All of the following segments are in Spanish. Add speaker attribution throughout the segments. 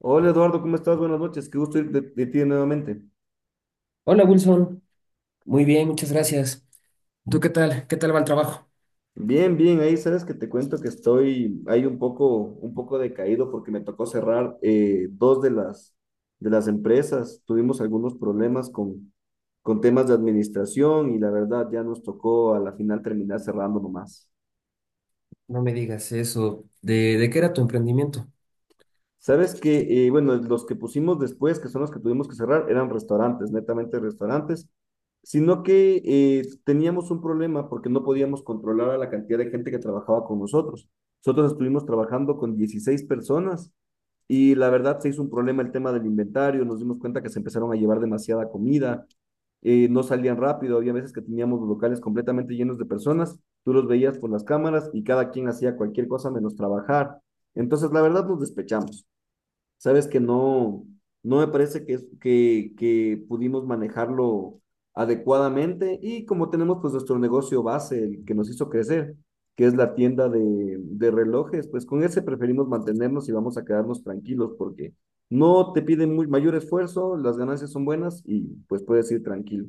Speaker 1: Hola Eduardo, ¿cómo estás? Buenas noches, qué gusto ir de ti nuevamente.
Speaker 2: Hola Wilson, muy bien, muchas gracias. ¿Tú qué tal? ¿Qué tal va el trabajo?
Speaker 1: Bien, bien, ahí sabes que te cuento que estoy ahí un poco decaído porque me tocó cerrar dos de de las empresas. Tuvimos algunos problemas con temas de administración y la verdad ya nos tocó a la final terminar cerrando nomás.
Speaker 2: No me digas eso. ¿De qué era tu emprendimiento?
Speaker 1: Sabes que, bueno, los que pusimos después, que son los que tuvimos que cerrar, eran restaurantes, netamente restaurantes, sino que teníamos un problema porque no podíamos controlar a la cantidad de gente que trabajaba con nosotros. Nosotros estuvimos trabajando con 16 personas y la verdad se hizo un problema el tema del inventario, nos dimos cuenta que se empezaron a llevar demasiada comida, no salían rápido, había veces que teníamos los locales completamente llenos de personas, tú los veías por las cámaras y cada quien hacía cualquier cosa menos trabajar. Entonces, la verdad nos despechamos. Sabes que no, no me parece que, que pudimos manejarlo adecuadamente y como tenemos pues nuestro negocio base, el que nos hizo crecer, que es la tienda de relojes, pues con ese preferimos mantenernos y vamos a quedarnos tranquilos porque no te piden muy, mayor esfuerzo, las ganancias son buenas y pues puedes ir tranquilo.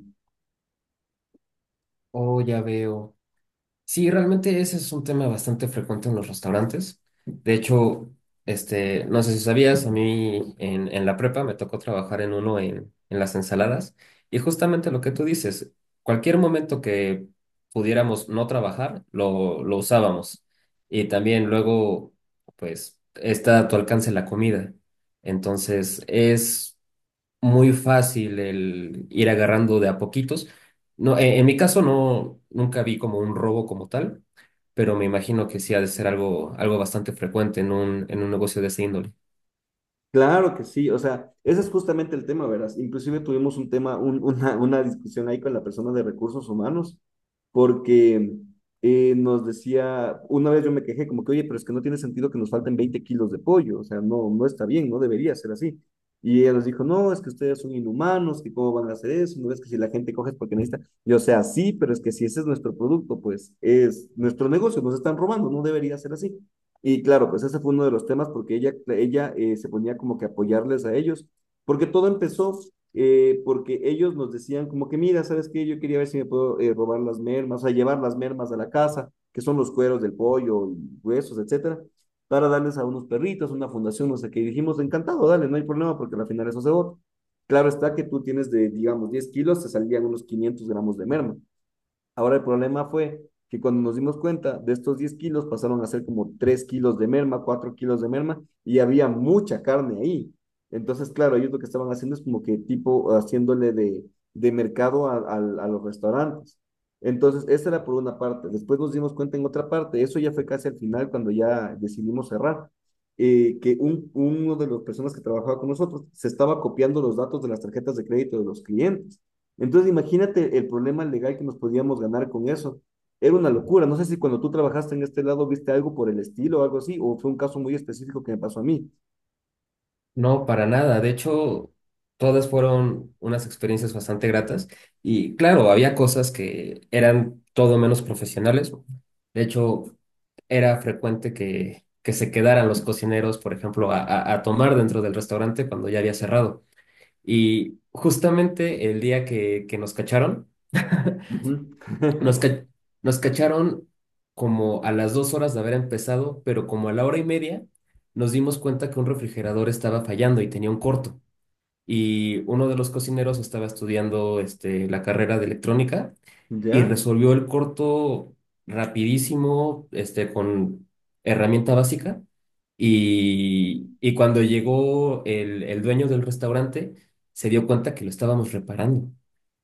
Speaker 2: Oh, ya veo. Sí, realmente ese es un tema bastante frecuente en los restaurantes. De hecho, este, no sé si sabías, a mí en la prepa me tocó trabajar en uno en las ensaladas y justamente lo que tú dices, cualquier momento que pudiéramos no trabajar, lo usábamos. Y también luego, pues, está a tu alcance la comida. Entonces, es muy fácil el ir agarrando de a poquitos. No, mi caso no, nunca vi como un robo como tal, pero me imagino que sí ha de ser algo, algo bastante frecuente en un negocio de esa índole.
Speaker 1: Claro que sí, o sea, ese es justamente el tema, verás. Inclusive tuvimos un tema, una discusión ahí con la persona de recursos humanos, porque nos decía, una vez yo me quejé como que, oye, pero es que no tiene sentido que nos falten 20 kilos de pollo, o sea, no, no está bien, no debería ser así. Y ella nos dijo, no, es que ustedes son inhumanos, que cómo van a hacer eso, no es que si la gente coge es porque necesita. Yo, o sea, sí, pero es que si ese es nuestro producto, pues es nuestro negocio, nos están robando, no debería ser así. Y claro, pues ese fue uno de los temas porque ella se ponía como que apoyarles a ellos, porque todo empezó porque ellos nos decían como que, mira, ¿sabes qué? Yo quería ver si me puedo robar las mermas, o sea, llevar las mermas a la casa, que son los cueros del pollo y huesos, etcétera, para darles a unos perritos, una fundación, no sé qué. Y dijimos, encantado, dale, no hay problema porque al final eso se vota. Claro está que tú tienes de, digamos, 10 kilos, te salían unos 500 gramos de merma. Ahora el problema fue que cuando nos dimos cuenta de estos 10 kilos pasaron a ser como 3 kilos de merma, 4 kilos de merma y había mucha carne ahí. Entonces, claro, ellos lo que estaban haciendo es como que tipo haciéndole de mercado a los restaurantes. Entonces, esa era por una parte. Después nos dimos cuenta en otra parte, eso ya fue casi al final cuando ya decidimos cerrar, que uno de las personas que trabajaba con nosotros se estaba copiando los datos de las tarjetas de crédito de los clientes. Entonces, imagínate el problema legal que nos podíamos ganar con eso. Era una locura. No sé si cuando tú trabajaste en este lado viste algo por el estilo o algo así, o fue un caso muy específico que me pasó a mí.
Speaker 2: No, para nada. De hecho, todas fueron unas experiencias bastante gratas. Y claro, había cosas que eran todo menos profesionales. De hecho, era frecuente que se quedaran los cocineros, por ejemplo, a tomar dentro del restaurante cuando ya había cerrado. Y justamente el día que nos cacharon,
Speaker 1: Ujú.
Speaker 2: nos, ca- nos cacharon como a las 2 horas de haber empezado, pero como a la hora y media nos dimos cuenta que un refrigerador estaba fallando y tenía un corto. Y uno de los cocineros estaba estudiando la carrera de electrónica y
Speaker 1: ¿Ya?
Speaker 2: resolvió el corto rapidísimo, con herramienta básica. Y cuando llegó el dueño del restaurante, se dio cuenta que lo estábamos reparando.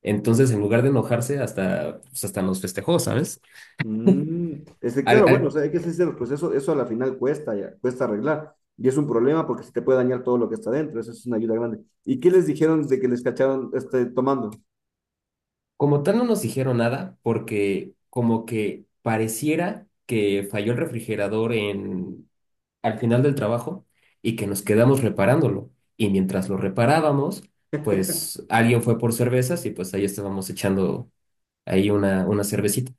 Speaker 2: Entonces, en lugar de enojarse, hasta, pues, hasta nos festejó, ¿sabes?
Speaker 1: Mm, Este,
Speaker 2: Al-
Speaker 1: claro, bueno, o
Speaker 2: al-
Speaker 1: sea, hay que ser sinceros, pues eso a la final cuesta, ya, cuesta arreglar. Y es un problema porque se te puede dañar todo lo que está dentro, eso es una ayuda grande. ¿Y qué les dijeron de que les cacharon este, tomando?
Speaker 2: Como tal, no nos dijeron nada porque como que pareciera que falló el refrigerador en, al final del trabajo y que nos quedamos reparándolo. Y mientras lo reparábamos, pues alguien fue por cervezas y pues ahí estábamos echando ahí una cervecita.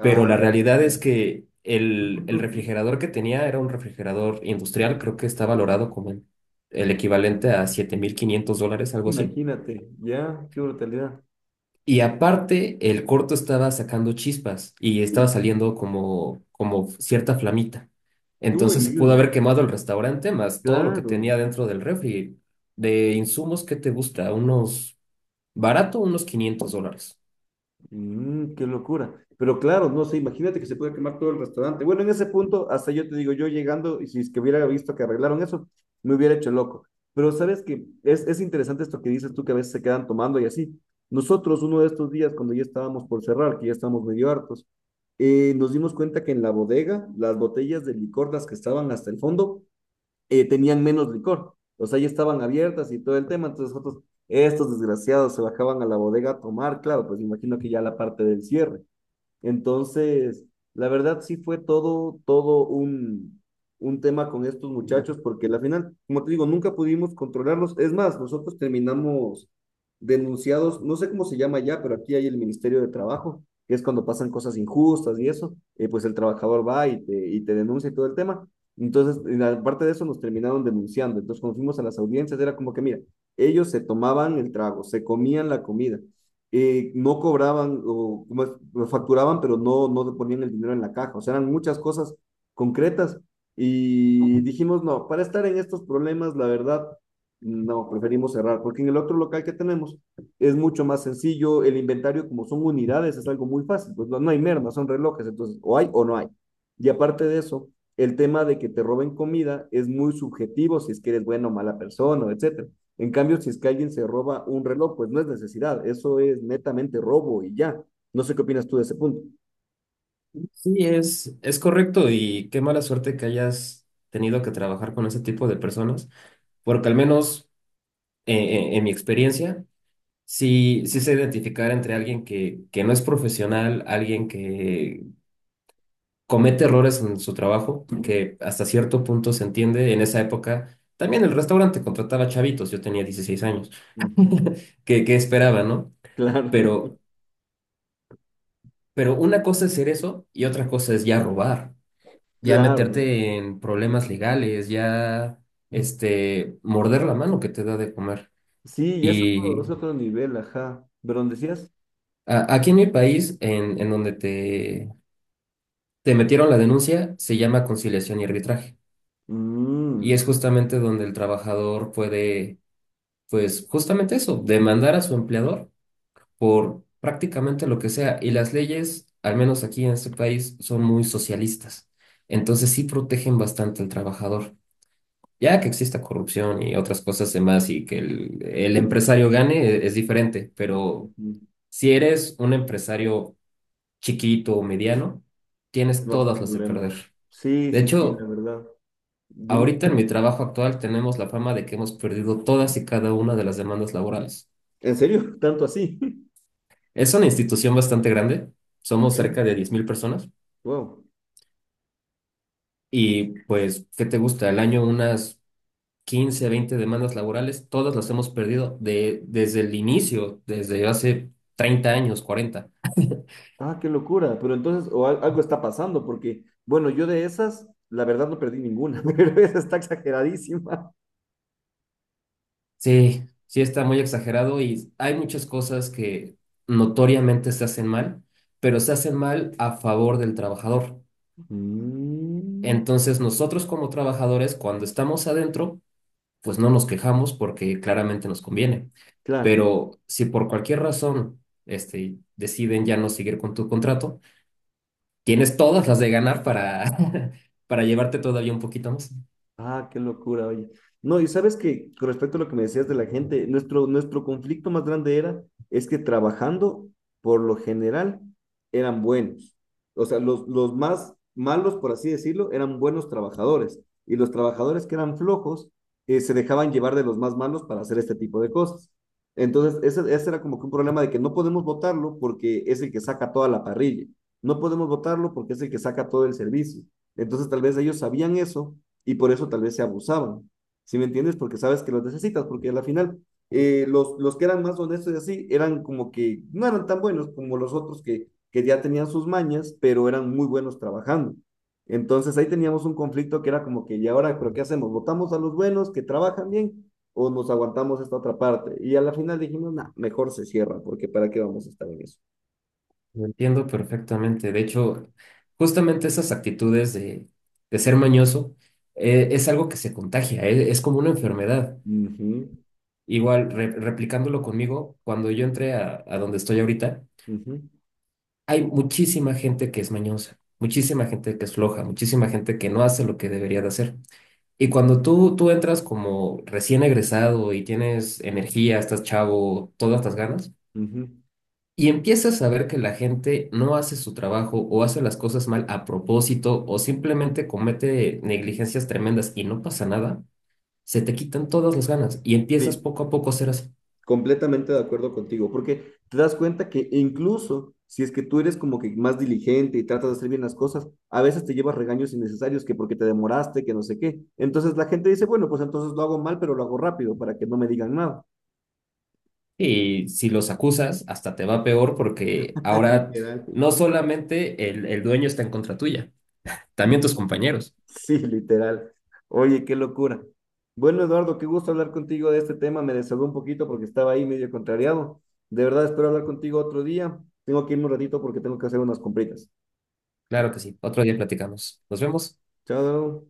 Speaker 2: Pero la
Speaker 1: ok.
Speaker 2: realidad es que el refrigerador que tenía era un refrigerador industrial, creo que está valorado como el equivalente a $7500, algo así.
Speaker 1: Imagínate, ya, qué brutalidad.
Speaker 2: Y aparte, el corto estaba sacando chispas y estaba saliendo como, como cierta flamita.
Speaker 1: Uy,
Speaker 2: Entonces se pudo
Speaker 1: uy,
Speaker 2: haber quemado el restaurante, más todo lo que
Speaker 1: claro.
Speaker 2: tenía dentro del refri. De insumos, ¿qué te gusta? Unos barato, unos $500.
Speaker 1: Mm, qué locura. Pero claro, no sé, imagínate que se puede quemar todo el restaurante. Bueno, en ese punto, hasta yo te digo, yo llegando, y si es que hubiera visto que arreglaron eso, me hubiera hecho loco. Pero sabes que es interesante esto que dices tú, que a veces se quedan tomando y así. Nosotros, uno de estos días, cuando ya estábamos por cerrar, que ya estábamos medio hartos, nos dimos cuenta que en la bodega, las botellas de licor, las que estaban hasta el fondo, tenían menos licor. O sea, ya estaban abiertas y todo el tema. Entonces nosotros, estos desgraciados se bajaban a la bodega a tomar, claro, pues imagino que ya la parte del cierre. Entonces, la verdad sí fue todo un tema con estos muchachos, porque la final, como te digo, nunca pudimos controlarlos. Es más, nosotros terminamos denunciados, no sé cómo se llama ya, pero aquí hay el Ministerio de Trabajo, que es cuando pasan cosas injustas y eso, pues el trabajador va y te denuncia y todo el tema. Entonces, en aparte de eso, nos terminaron denunciando. Entonces, cuando fuimos a las audiencias, era como que, mira, ellos se tomaban el trago, se comían la comida, no cobraban o como es, lo facturaban, pero no, no ponían el dinero en la caja. O sea, eran muchas cosas concretas y dijimos, no, para estar en estos problemas, la verdad, no, preferimos cerrar, porque en el otro local que tenemos es mucho más sencillo, el inventario como son unidades es algo muy fácil, pues no, no hay merma, son relojes, entonces o hay o no hay. Y aparte de eso, el tema de que te roben comida es muy subjetivo, si es que eres buena o mala persona, etcétera. En cambio, si es que alguien se roba un reloj, pues no es necesidad, eso es netamente robo y ya. No sé qué opinas tú de ese punto.
Speaker 2: Sí, es correcto y qué mala suerte que hayas tenido que trabajar con ese tipo de personas, porque al menos en mi experiencia, sí sé identificar entre alguien que no es profesional, alguien que comete errores en su trabajo, que hasta cierto punto se entiende. En esa época, también el restaurante contrataba chavitos, yo tenía 16 años,
Speaker 1: Ujú.
Speaker 2: que esperaba, ¿no?
Speaker 1: Claro,
Speaker 2: Pero, pero una cosa es ser eso y otra cosa es ya robar, ya
Speaker 1: claro.
Speaker 2: meterte en problemas legales, ya, morder la mano que te da de comer.
Speaker 1: Sí, ya
Speaker 2: Y
Speaker 1: es otro nivel, ajá. ¿Pero dónde decías?
Speaker 2: aquí en mi país, en donde te metieron la denuncia, se llama conciliación y arbitraje. Y
Speaker 1: Mm,
Speaker 2: es justamente donde el trabajador puede pues justamente eso, demandar a su empleador por prácticamente lo que sea. Y las leyes, al menos aquí en este país, son muy socialistas. Entonces sí protegen bastante al trabajador. Ya que exista corrupción y otras cosas demás y que el empresario gane es diferente, pero
Speaker 1: ujú.
Speaker 2: si eres un empresario chiquito o mediano,
Speaker 1: Es
Speaker 2: tienes
Speaker 1: más un
Speaker 2: todas las de
Speaker 1: problema.
Speaker 2: perder.
Speaker 1: Sí,
Speaker 2: De
Speaker 1: sí, sí, la
Speaker 2: hecho,
Speaker 1: verdad. Dime.
Speaker 2: ahorita en mi trabajo actual tenemos la fama de que hemos perdido todas y cada una de las demandas laborales.
Speaker 1: ¿En serio? ¿Tanto así?
Speaker 2: Es una institución bastante grande, somos cerca
Speaker 1: Bien.
Speaker 2: de 10000 personas
Speaker 1: Wow.
Speaker 2: y pues, ¿qué te gusta? Al año unas 15, 20 demandas laborales, todas las hemos perdido de, desde el inicio, desde hace 30 años, 40.
Speaker 1: Ah, qué locura. Pero entonces, o al- algo está pasando, porque, bueno, yo de esas, la verdad no perdí ninguna, pero esa está exageradísima.
Speaker 2: Sí, sí está muy exagerado y hay muchas cosas que notoriamente se hacen mal, pero se hacen mal a favor del trabajador.
Speaker 1: Mm.
Speaker 2: Entonces, nosotros como trabajadores, cuando estamos adentro, pues no nos quejamos porque claramente nos conviene.
Speaker 1: Claro.
Speaker 2: Pero si por cualquier razón deciden ya no seguir con tu contrato, tienes todas las de ganar para, para llevarte todavía un poquito más.
Speaker 1: Ah, qué locura, oye. No, y sabes que con respecto a lo que me decías de la gente, nuestro conflicto más grande era, es que trabajando, por lo general, eran buenos. O sea, los más malos, por así decirlo, eran buenos trabajadores. Y los trabajadores que eran flojos, se dejaban llevar de los más malos para hacer este tipo de cosas. Entonces, ese era como que un problema de que no podemos votarlo porque es el que saca toda la parrilla. No podemos votarlo porque es el que saca todo el servicio. Entonces, tal vez ellos sabían eso y por eso tal vez se abusaban. ¿Sí me entiendes? Porque sabes que los necesitas, porque a la final los que eran más honestos y así eran como que no eran tan buenos como los otros que ya tenían sus mañas, pero eran muy buenos trabajando. Entonces ahí teníamos un conflicto que era como que, ¿y ahora, pero qué hacemos? ¿Votamos a los buenos que trabajan bien o nos aguantamos esta otra parte? Y a la final dijimos, no, mejor se cierra, porque ¿para qué vamos a estar en eso?
Speaker 2: Lo entiendo perfectamente. De hecho, justamente esas actitudes de ser mañoso es algo que se contagia, es como una enfermedad.
Speaker 1: Ujú,
Speaker 2: Igual, replicándolo conmigo, cuando yo entré a donde estoy ahorita,
Speaker 1: ujú,
Speaker 2: hay muchísima gente que es mañosa, muchísima gente que es floja, muchísima gente que no hace lo que debería de hacer. Y cuando tú entras como recién egresado y tienes energía, estás chavo, todas las ganas,
Speaker 1: ujú.
Speaker 2: y empiezas a ver que la gente no hace su trabajo o hace las cosas mal a propósito o simplemente comete negligencias tremendas y no pasa nada, se te quitan todas las ganas y empiezas
Speaker 1: Sí,
Speaker 2: poco a poco a ser así.
Speaker 1: Completamente de acuerdo contigo, porque te das cuenta que incluso si es que tú eres como que más diligente y tratas de hacer bien las cosas, a veces te llevas regaños innecesarios que porque te demoraste, que no sé qué. Entonces la gente dice, bueno, pues entonces lo hago mal, pero lo hago rápido para que no me digan nada.
Speaker 2: Y si los acusas, hasta te va peor porque ahora
Speaker 1: Literal.
Speaker 2: no solamente el dueño está en contra tuya, también tus compañeros.
Speaker 1: Sí, literal. Oye, qué locura. Bueno, Eduardo, qué gusto hablar contigo de este tema. Me desahogó un poquito porque estaba ahí medio contrariado. De verdad, espero hablar contigo otro día. Tengo que irme un ratito porque tengo que hacer unas compritas.
Speaker 2: Claro que sí. Otro día platicamos. Nos vemos.
Speaker 1: Chao.